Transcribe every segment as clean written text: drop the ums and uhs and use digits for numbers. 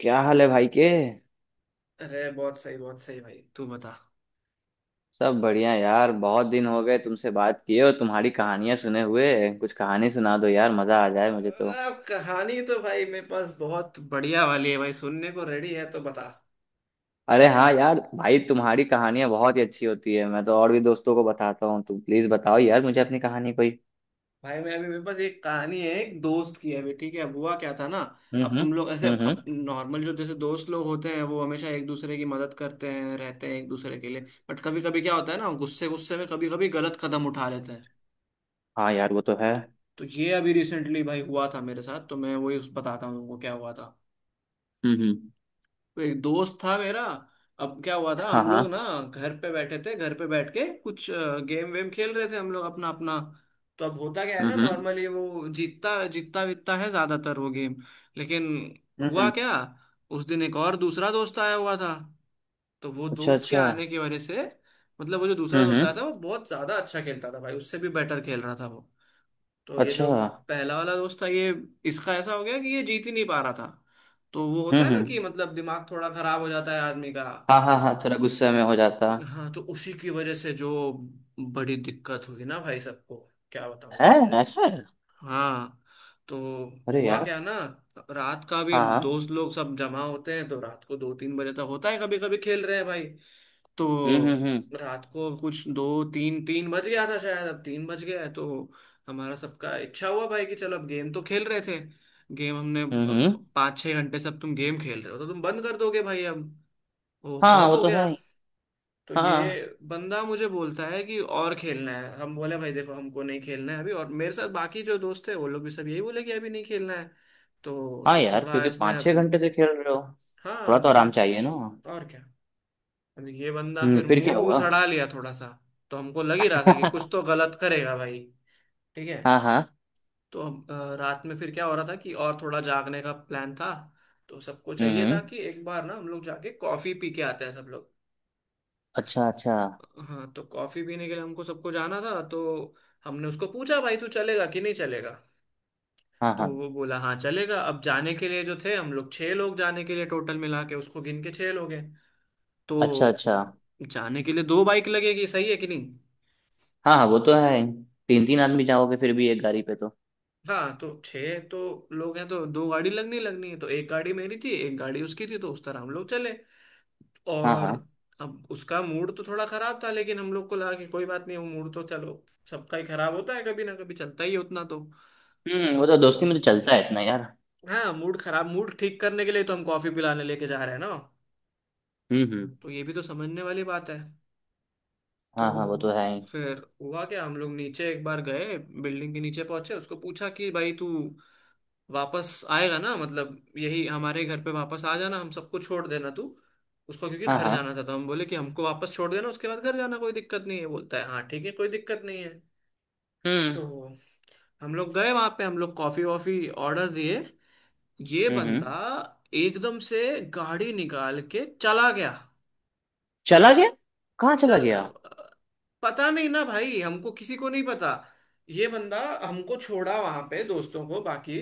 क्या हाल है भाई के। अरे बहुत सही भाई। तू बता। सब बढ़िया यार, बहुत दिन हो गए तुमसे बात किए और तुम्हारी कहानियां सुने हुए। कुछ कहानी सुना दो यार, मजा आ जाए मुझे तो। अब कहानी तो भाई मेरे पास बहुत बढ़िया वाली है। भाई, सुनने को रेडी है तो बता। अरे हाँ यार, भाई तुम्हारी कहानियां बहुत ही अच्छी होती है, मैं तो और भी दोस्तों को बताता हूँ। तुम प्लीज बताओ यार मुझे अपनी कहानी कोई। भाई, मैं अभी मेरे पास एक कहानी है, एक दोस्त की है अभी। ठीक है। अब हुआ क्या था ना, अब हम्म। तुम लोग ऐसे, अब हम्म। नॉर्मल जो जैसे दोस्त लोग होते हैं वो हमेशा एक दूसरे की मदद करते हैं, रहते हैं एक दूसरे के लिए। बट कभी कभी क्या होता है ना, गुस्से गुस्से में कभी कभी गलत कदम उठा लेते हैं। हाँ यार, वो तो है। तो ये अभी रिसेंटली भाई हुआ था मेरे साथ, तो मैं वही बताता हूँ तुमको क्या हुआ था। हम्म। एक दोस्त था मेरा। अब क्या हुआ था, हाँ हम लोग ना हाँ। घर पे बैठे थे, घर पे बैठ के कुछ गेम वेम खेल रहे थे हम लोग अपना अपना। तो अब होता क्या है ना, हम्म। नॉर्मली वो जीतता जीतता बीतता है ज्यादातर वो गेम। लेकिन हुआ हम्म। क्या, उस दिन एक और दूसरा दोस्त आया हुआ था। तो वो अच्छा दोस्त के अच्छा। आने की वजह से, मतलब वो जो दूसरा दोस्त आया था हम्म। वो बहुत ज्यादा अच्छा खेलता था भाई, उससे भी बेटर खेल रहा था वो। तो ये अच्छा। जो पहला वाला दोस्त था ये, इसका ऐसा हो गया कि ये जीत ही नहीं पा रहा था। तो वो होता है ना कि हम्म। मतलब दिमाग थोड़ा खराब हो जाता है आदमी का। हाँ हाँ हाँ, थोड़ा गुस्से में हो जाता हाँ, तो उसी की वजह से जो बड़ी दिक्कत हुई ना भाई सबको, क्या बताऊं है। भाई तुझे। ऐसा है। हाँ, तो अरे हुआ यार। क्या ना, रात का भी हाँ हाँ। दोस्त लोग सब जमा होते हैं तो रात को 2-3 बजे तक होता है कभी कभी खेल रहे हैं भाई। तो हम्म। रात को कुछ दो तीन, 3 बज गया था शायद। अब 3 बज गया है, तो हमारा सबका इच्छा हुआ भाई कि चलो अब, गेम तो खेल रहे थे गेम हमने हम्म। 5-6 घंटे से। अब तुम गेम खेल रहे हो तो तुम बंद कर दोगे भाई अब, वो हाँ, बहुत वो हो तो गया। है ही। तो हाँ ये बंदा मुझे बोलता है कि और खेलना है। हम बोले भाई देखो हमको नहीं खेलना है अभी, और मेरे साथ बाकी जो दोस्त है वो लोग भी सब यही बोले कि अभी नहीं खेलना है। तो हाँ ये यार, थोड़ा क्योंकि इसने पाँच अब, छह घंटे से खेल रहे हो, हाँ थोड़ा अब तो आराम फिर चाहिए ना। और क्या। अब ये बंदा हम्म, फिर फिर क्या मुंह वूह हुआ? सड़ा लिया थोड़ा सा। तो हमको लग ही रहा था कि कुछ तो गलत करेगा भाई। ठीक है, हाँ हाँ। तो हम रात में फिर क्या हो रहा था कि और थोड़ा जागने का प्लान था। तो सबको चाहिए था हम्म। कि एक बार ना हम लोग जाके कॉफी पी के आते हैं सब लोग। अच्छा अच्छा। हाँ, तो कॉफी पीने के लिए हमको सबको जाना था। तो हमने उसको पूछा भाई तू चलेगा कि नहीं चलेगा। हाँ तो हाँ। वो बोला हाँ चलेगा। अब जाने के लिए जो थे हम लोग छह लोग जाने के लिए, टोटल मिला के उसको गिन के छह लोग हैं। अच्छा तो अच्छा। जाने के लिए दो बाइक लगेगी, सही है कि नहीं। हाँ हाँ, वो तो है। तीन तीन आदमी जाओगे फिर भी एक गाड़ी पे तो। हाँ, तो छह तो लोग हैं तो दो गाड़ी लगनी लगनी है। तो एक गाड़ी मेरी थी, एक गाड़ी उसकी थी, तो उस तरह हम लोग चले। हाँ और हाँ। अब उसका मूड तो थोड़ा खराब था, लेकिन हम लोग को लगा कि कोई बात नहीं, वो मूड तो चलो सबका ही खराब होता है कभी ना कभी, चलता ही है उतना तो। हम्म, वो तो दोस्ती में तो तो चलता है इतना यार। हाँ, मूड खराब, मूड ठीक करने के लिए तो हम कॉफी पिलाने लेके जा रहे हैं ना। हम्म। तो ये भी तो समझने वाली बात है। हाँ हाँ, वो तो तो है ही। फिर हुआ क्या, हम लोग नीचे एक बार गए, बिल्डिंग के नीचे पहुंचे, उसको पूछा कि भाई तू वापस आएगा ना, मतलब यही हमारे घर पे वापस आ जाना, हम सबको छोड़ देना तू। उसको क्योंकि हाँ घर हाँ। जाना था, तो हम बोले कि हमको वापस छोड़ देना, उसके बाद घर जाना कोई दिक्कत नहीं है। बोलता है हाँ ठीक है, कोई दिक्कत नहीं है। तो हम्म हम लोग गए वहां पे, हम लोग कॉफी वॉफी ऑर्डर दिए। ये हम्म बंदा हम्म। एकदम से गाड़ी निकाल के चला गया। चला गया? कहाँ चला चल, गया? पता नहीं ना भाई हमको, किसी को नहीं पता। ये बंदा हमको छोड़ा वहां पे दोस्तों को बाकी,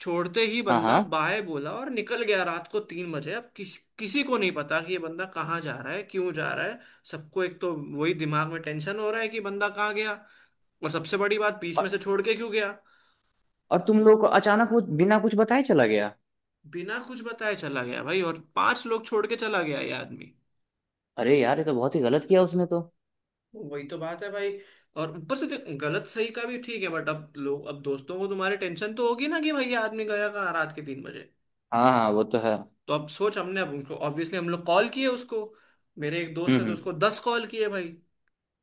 छोड़ते ही हाँ बंदा हाँ। बाय बोला और निकल गया रात को 3 बजे। अब किसी को नहीं पता कि ये बंदा कहाँ जा रहा है, क्यों जा रहा है। सबको एक तो वही दिमाग में टेंशन हो रहा है कि बंदा कहाँ गया, और सबसे बड़ी बात बीच और, में से छोड़ के क्यों गया। और तुम लोग को अचानक वो बिना कुछ बताए चला गया। बिना कुछ बताए चला गया भाई, और पांच लोग छोड़ के चला गया ये आदमी। अरे यार, ये तो बहुत ही गलत किया उसने तो। वही तो बात है भाई। और ऊपर से देख, गलत सही का भी ठीक है बट अब लोग, अब दोस्तों को तुम्हारे टेंशन तो होगी ना कि भैया आदमी गया कहाँ रात के 3 बजे। हाँ हाँ, वो तो है। तो अब सोच, हमने अब उनको ऑब्वियसली हम लोग कॉल किए उसको। मेरे एक दोस्त है तो हम्म। उसको 10 कॉल किए भाई।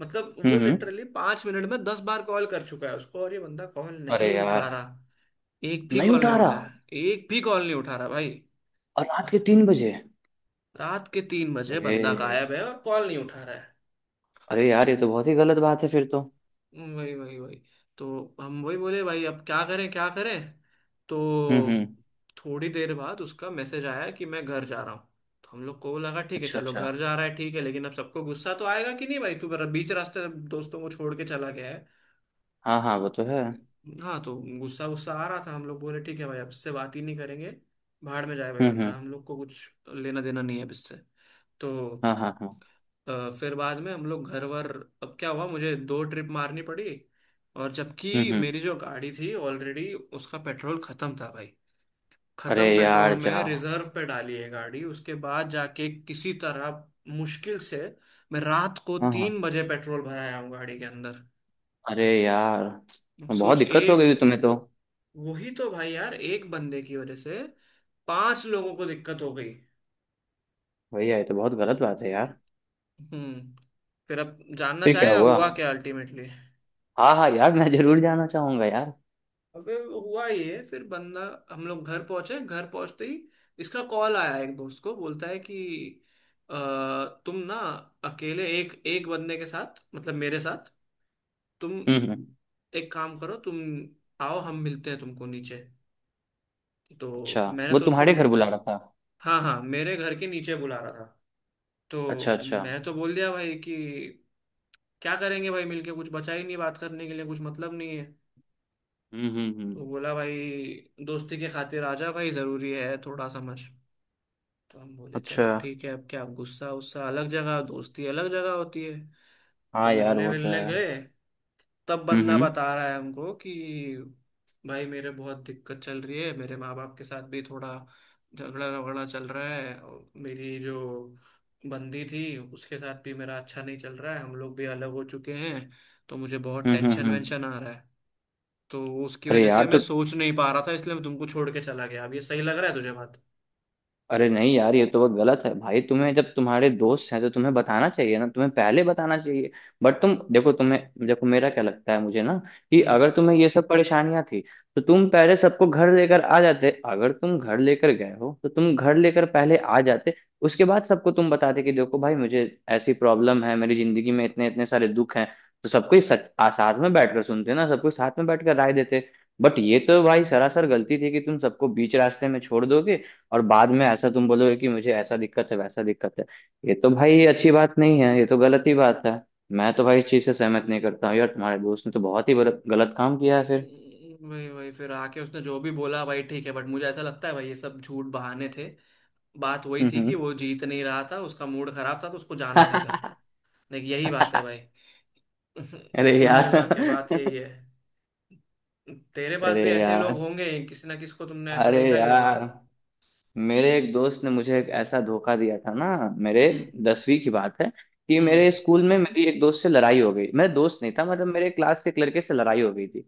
मतलब हम्म वो हम्म। लिटरली 5 मिनट में 10 बार कॉल कर चुका है उसको, और ये बंदा कॉल नहीं अरे यार, उठा रहा। एक भी नहीं कॉल नहीं उठा रहा। उठाया। एक भी कॉल नहीं उठा रहा भाई, और रात के 3 बजे। रात के 3 बजे बंदा अरे। गायब है और कॉल नहीं उठा रहा। अरे यार, ये तो बहुत ही गलत बात है फिर तो। वही वही वही। तो हम वही बोले भाई अब क्या करें क्या करें। तो हम्म। थोड़ी देर बाद उसका मैसेज आया कि मैं घर जा रहा हूँ। तो हम लोग को लगा ठीक है अच्छा चलो अच्छा। घर जा रहा है, ठीक है। लेकिन अब सबको गुस्सा तो आएगा कि नहीं, भाई तू मेरा बीच रास्ते दोस्तों को छोड़ के चला गया है। हाँ हाँ, वो तो है। हाँ तो गुस्सा गुस्सा आ रहा था। हम लोग बोले ठीक है भाई अब इससे बात ही नहीं करेंगे, भाड़ में जाए भाई बंदा, हम्म। हम लोग को कुछ लेना देना नहीं है अब इससे। तो हाँ हाँ हाँ। फिर बाद में हम लोग घर वर, अब क्या हुआ, मुझे दो ट्रिप मारनी पड़ी। और जबकि हम्म। मेरी जो गाड़ी थी ऑलरेडी उसका पेट्रोल खत्म था भाई। अरे खत्म पेट्रोल यार जा में हाँ रिजर्व पे डाली है गाड़ी, उसके बाद जाके किसी तरह मुश्किल से मैं रात को हाँ। तीन बजे पेट्रोल भराया हूँ गाड़ी के अंदर। अरे यार, बहुत सोच दिक्कत हो एक, गई तुम्हें तो। वही तो भाई यार एक बंदे की वजह से पांच लोगों को दिक्कत हो गई। भैया, ये तो बहुत गलत बात है यार। हम्म। फिर अब जानना फिर क्या चाहेगा हुआ? हुआ क्या अल्टीमेटली। हाँ हाँ यार, मैं जरूर जाना चाहूंगा यार। अब हुआ ये फिर बंदा, हम लोग घर पहुंचे, घर पहुंचते ही इसका कॉल आया। एक दोस्त को बोलता है कि अ, तुम ना अकेले एक एक बंदे के साथ मतलब मेरे साथ, तुम हम्म। एक काम करो, तुम आओ हम मिलते हैं तुमको नीचे। तो अच्छा, मैंने वो तो उसको, तुम्हारे घर बुला रहा था? हाँ हाँ मेरे घर के नीचे बुला रहा था। अच्छा तो अच्छा। मैं तो बोल दिया भाई कि क्या करेंगे भाई मिलके, कुछ बचा ही नहीं बात करने के लिए, कुछ मतलब नहीं है। तो हम्म। बोला भाई दोस्ती के खातिर आ जा भाई, जरूरी है थोड़ा समझ। तो हम बोले अच्छा। चलो ठीक है, अब क्या, अब गुस्सा उस्सा अलग जगह दोस्ती अलग जगह होती है। तो हाँ यार, मिलने वो तो मिलने है। गए, तब बंदा हम्म। बता रहा है हमको कि भाई मेरे बहुत दिक्कत चल रही है, मेरे माँ बाप के साथ भी थोड़ा झगड़ा झगड़ा चल रहा है, और मेरी जो बंदी थी उसके साथ भी मेरा अच्छा नहीं चल रहा है, हम लोग भी अलग हो चुके हैं। तो मुझे बहुत हम्म। टेंशन हम्म। वेंशन आ रहा है, तो उसकी अरे वजह यार से मैं तो सोच नहीं पा रहा था, इसलिए मैं तुमको छोड़ के चला गया। अब ये सही लग रहा है तुझे बात? अरे नहीं यार, ये तो बहुत गलत है भाई। तुम्हें जब तुम्हारे दोस्त हैं तो तुम्हें बताना चाहिए ना, तुम्हें पहले बताना चाहिए। बट तुम देखो, तुम्हें देखो मेरा क्या लगता है मुझे ना, कि हम्म। अगर तुम्हें ये सब परेशानियां थी, तो तुम पहले सबको घर लेकर आ जाते। अगर तुम घर लेकर गए हो तो तुम घर लेकर पहले आ जाते। उसके बाद सबको तुम बताते कि देखो भाई, मुझे ऐसी प्रॉब्लम है, मेरी जिंदगी में इतने इतने सारे दुख हैं। तो सबको ही साथ में बैठकर सुनते ना, सबको साथ में बैठकर राय देते। बट ये तो भाई सरासर गलती थी कि तुम सबको बीच रास्ते में छोड़ दोगे, और बाद में ऐसा तुम बोलोगे कि मुझे ऐसा दिक्कत है, वैसा दिक्कत है। ये तो भाई अच्छी बात नहीं है, ये तो गलत ही बात है। मैं तो भाई इस चीज से सहमत नहीं करता हूँ यार, तुम्हारे दोस्त ने तो बहुत ही गलत गलत काम किया है फिर। वही वही। फिर आके उसने जो भी बोला भाई ठीक है, बट मुझे ऐसा लगता है भाई ये सब झूठ बहाने थे। बात वही थी कि हम्म। वो जीत नहीं रहा था, उसका मूड खराब था तो उसको जाना था घर। हम्म। लेकिन यही बात है भाई। अरे कुल यार। मिला के बात यही है। तेरे पास भी अरे ऐसे लोग यार। होंगे, किसी ना किसी को तुमने ऐसा अरे देखा ही होगा। यार, मेरे एक दोस्त ने मुझे एक ऐसा धोखा दिया था ना। मेरे हम्म। 10वीं की बात है। कि हम्म। मेरे स्कूल में मेरी एक दोस्त से लड़ाई हो गई। मेरा दोस्त नहीं था, मतलब मेरे क्लास के एक लड़के से लड़ाई हो गई थी।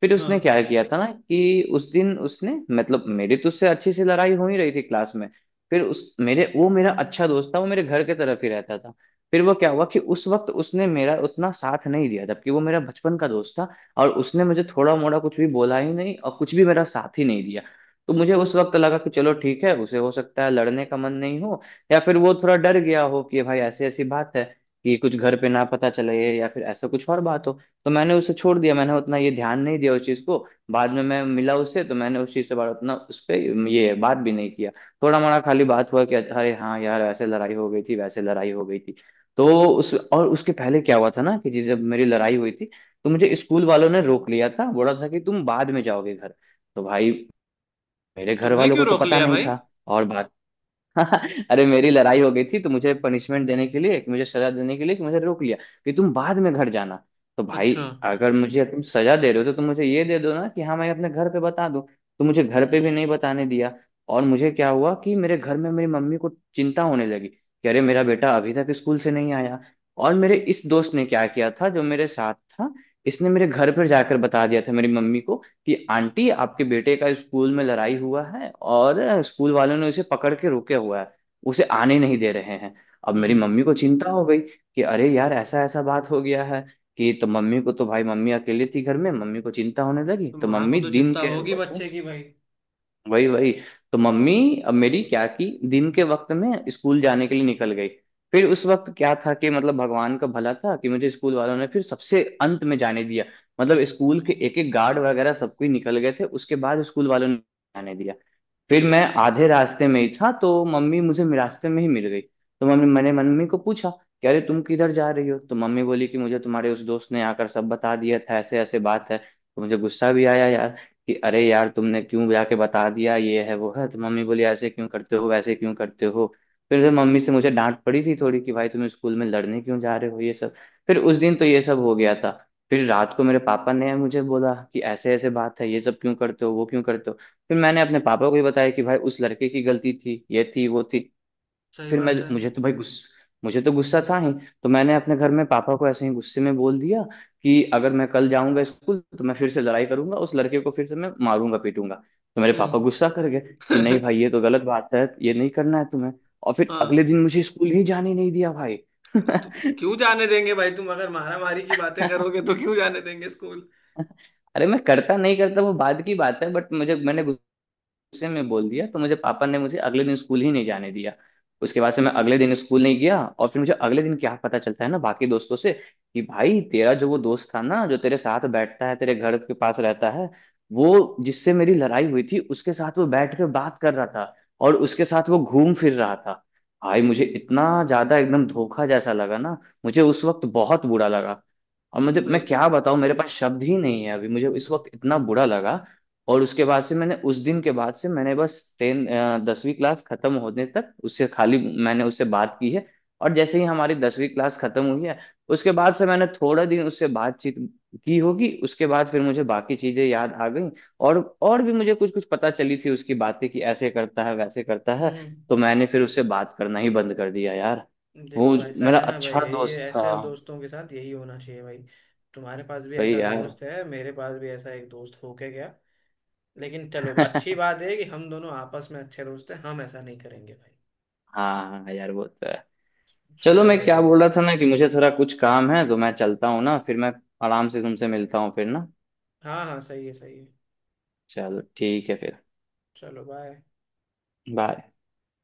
फिर हाँ। उसने क्या किया था ना, कि उस दिन उसने मतलब मेरी तो उससे अच्छी सी लड़ाई हो ही रही थी क्लास में। फिर उस मेरे वो मेरा अच्छा दोस्त था, वो मेरे घर के तरफ ही रहता था। फिर वो क्या हुआ कि उस वक्त उसने मेरा उतना साथ नहीं दिया, जबकि वो मेरा बचपन का दोस्त था। और उसने मुझे थोड़ा मोड़ा कुछ भी बोला ही नहीं, और कुछ भी मेरा साथ ही नहीं दिया। तो मुझे उस वक्त लगा कि चलो ठीक है, उसे हो सकता है लड़ने का मन नहीं हो, या फिर वो थोड़ा डर गया हो कि भाई ऐसी ऐसी बात है, कि कुछ घर पे ना पता चले, या फिर ऐसा कुछ और बात हो। तो मैंने उसे छोड़ दिया, मैंने उतना ये ध्यान नहीं दिया उस चीज़ को। बाद में मैं मिला उससे तो मैंने उस चीज़ से बात उतना उस पर ये बात भी नहीं किया। थोड़ा मोड़ा खाली बात हुआ कि अरे हाँ यार, वैसे लड़ाई हो गई थी, वैसे लड़ाई हो गई थी। तो उस और उसके पहले क्या हुआ था ना, कि जब मेरी लड़ाई हुई थी, तो मुझे स्कूल वालों ने रोक लिया था, बोला था कि तुम बाद में जाओगे घर। तो भाई, मेरे घर तुम्हें वालों को क्यों तो रोक पता लिया नहीं भाई? था। और बात। अरे, मेरी लड़ाई हो गई थी तो मुझे पनिशमेंट देने के लिए, मुझे सजा देने के लिए, कि मुझे रोक लिया कि तुम बाद में घर जाना। तो भाई, अच्छा। अगर मुझे तुम सजा दे रहे हो तो तुम मुझे ये दे दो ना, कि हाँ, मैं अपने घर पे बता दूं। तो मुझे घर पे भी नहीं बताने दिया। और मुझे क्या हुआ कि मेरे घर में मेरी मम्मी को चिंता होने लगी कि अरे, मेरा बेटा अभी तक स्कूल से नहीं आया। और मेरे इस दोस्त ने क्या किया था जो मेरे साथ था, इसने मेरे घर पर जाकर बता दिया था मेरी मम्मी को कि आंटी, आपके बेटे का स्कूल में लड़ाई हुआ है, और स्कूल वालों ने उसे पकड़ के रोके हुआ है, उसे आने नहीं दे रहे हैं। अब मेरी हम्म। मम्मी को चिंता हो गई कि अरे यार, ऐसा ऐसा बात हो गया है। कि तो मम्मी को तो भाई, मम्मी अकेले थी घर में, मम्मी को चिंता होने लगी, तो तो माँ को मम्मी तो दिन चिंता के होगी वक्त। बच्चे की भाई। वही वही। तो मम्मी, अब मेरी क्या की दिन के वक्त में स्कूल जाने के लिए निकल गई। फिर उस वक्त क्या था कि मतलब भगवान का भला था कि मुझे स्कूल वालों ने फिर सबसे अंत में जाने दिया। मतलब स्कूल के एक एक गार्ड वगैरह सब कोई निकल गए थे, उसके बाद स्कूल वालों ने जाने दिया। फिर मैं आधे रास्ते में ही था, तो मम्मी मुझे रास्ते में ही मिल गई। तो मम्मी, मैंने मम्मी को पूछा कि अरे, तुम किधर जा रही हो? तो मम्मी बोली कि मुझे तुम्हारे उस दोस्त ने आकर सब बता दिया था, ऐसे ऐसे बात है। तो मुझे गुस्सा भी आया यार, कि अरे यार, तुमने क्यों जाके बता दिया, ये है वो है। तो मम्मी बोली, ऐसे क्यों करते हो, वैसे क्यों करते हो। फिर से मम्मी से मुझे डांट पड़ी थी थोड़ी कि भाई, तुम स्कूल में लड़ने क्यों जा रहे हो ये सब। फिर उस दिन तो ये सब हो गया था। फिर रात को मेरे पापा ने मुझे बोला कि ऐसे ऐसे बात है, ये सब क्यों करते हो, वो क्यों करते हो। फिर मैंने अपने पापा को भी बताया कि भाई, उस लड़के की गलती थी, ये थी वो थी। सही फिर मैं बात है। मुझे तो भाई गुस्स मुझे तो गुस्सा था ही। तो मैंने अपने घर में पापा को ऐसे ही गुस्से में बोल दिया कि अगर मैं कल जाऊंगा स्कूल तो मैं फिर से लड़ाई करूंगा उस लड़के को, फिर से मैं मारूंगा पीटूंगा। तो मेरे पापा हम्म। गुस्सा कर गए कि नहीं भाई, ये तो गलत बात है, ये नहीं करना है तुम्हें। और फिर अगले हाँ, दिन मुझे स्कूल ही जाने नहीं दिया भाई। तो क्यों जाने देंगे भाई, तुम अगर मारा मारी की बातें करोगे तो क्यों जाने देंगे स्कूल। अरे, मैं करता नहीं करता वो बाद की बात है, बट मुझे मैंने गुस्से में बोल दिया, तो मुझे पापा ने मुझे अगले दिन स्कूल ही नहीं जाने दिया। उसके बाद से मैं अगले दिन स्कूल नहीं गया, और फिर मुझे अगले दिन क्या पता चलता है ना बाकी दोस्तों से, कि भाई तेरा जो वो दोस्त था ना, जो तेरे साथ बैठता है, तेरे घर के पास रहता है, वो जिससे मेरी लड़ाई हुई थी उसके साथ वो बैठ के बात कर रहा था, और उसके साथ वो घूम फिर रहा था। भाई, मुझे इतना ज्यादा एकदम धोखा जैसा लगा ना, मुझे उस वक्त बहुत बुरा लगा। और मुझे, मैं भाई क्या बताऊं, मेरे पास शब्द ही नहीं है अभी, मुझे इस ब- वक्त इतना बुरा लगा। और उसके बाद से मैंने, उस दिन के बाद से मैंने बस टेन 10वीं क्लास खत्म होने तक उससे खाली मैंने उससे बात की है। और जैसे ही हमारी 10वीं क्लास खत्म हुई है, उसके बाद से मैंने थोड़ा दिन उससे बातचीत की होगी, उसके बाद फिर मुझे बाकी चीजें याद आ गई। और भी मुझे कुछ कुछ पता चली थी उसकी बातें, कि ऐसे करता है वैसे करता है। हम्म, तो मैंने फिर उससे बात करना ही बंद कर दिया यार। हम्म। वो देखो ऐसा मेरा है ना भाई, अच्छा ये दोस्त था। ऐसे दोस्तों के साथ यही होना चाहिए भाई। तुम्हारे पास भी भाई ऐसा यार। दोस्त है, मेरे पास भी ऐसा एक दोस्त होके गया। लेकिन चलो अच्छी बात है कि हम दोनों आपस में अच्छे दोस्त हैं, हम ऐसा नहीं करेंगे भाई। हाँ यार, वो तो है। चलो, छोड़ो मैं भाई। क्या बोल रहा था ना कि मुझे थोड़ा कुछ काम है, तो मैं चलता हूँ ना, फिर मैं आराम से तुमसे मिलता हूँ फिर ना। हाँ हाँ, सही है सही है। चलो ठीक है फिर। चलो बाय। बाय।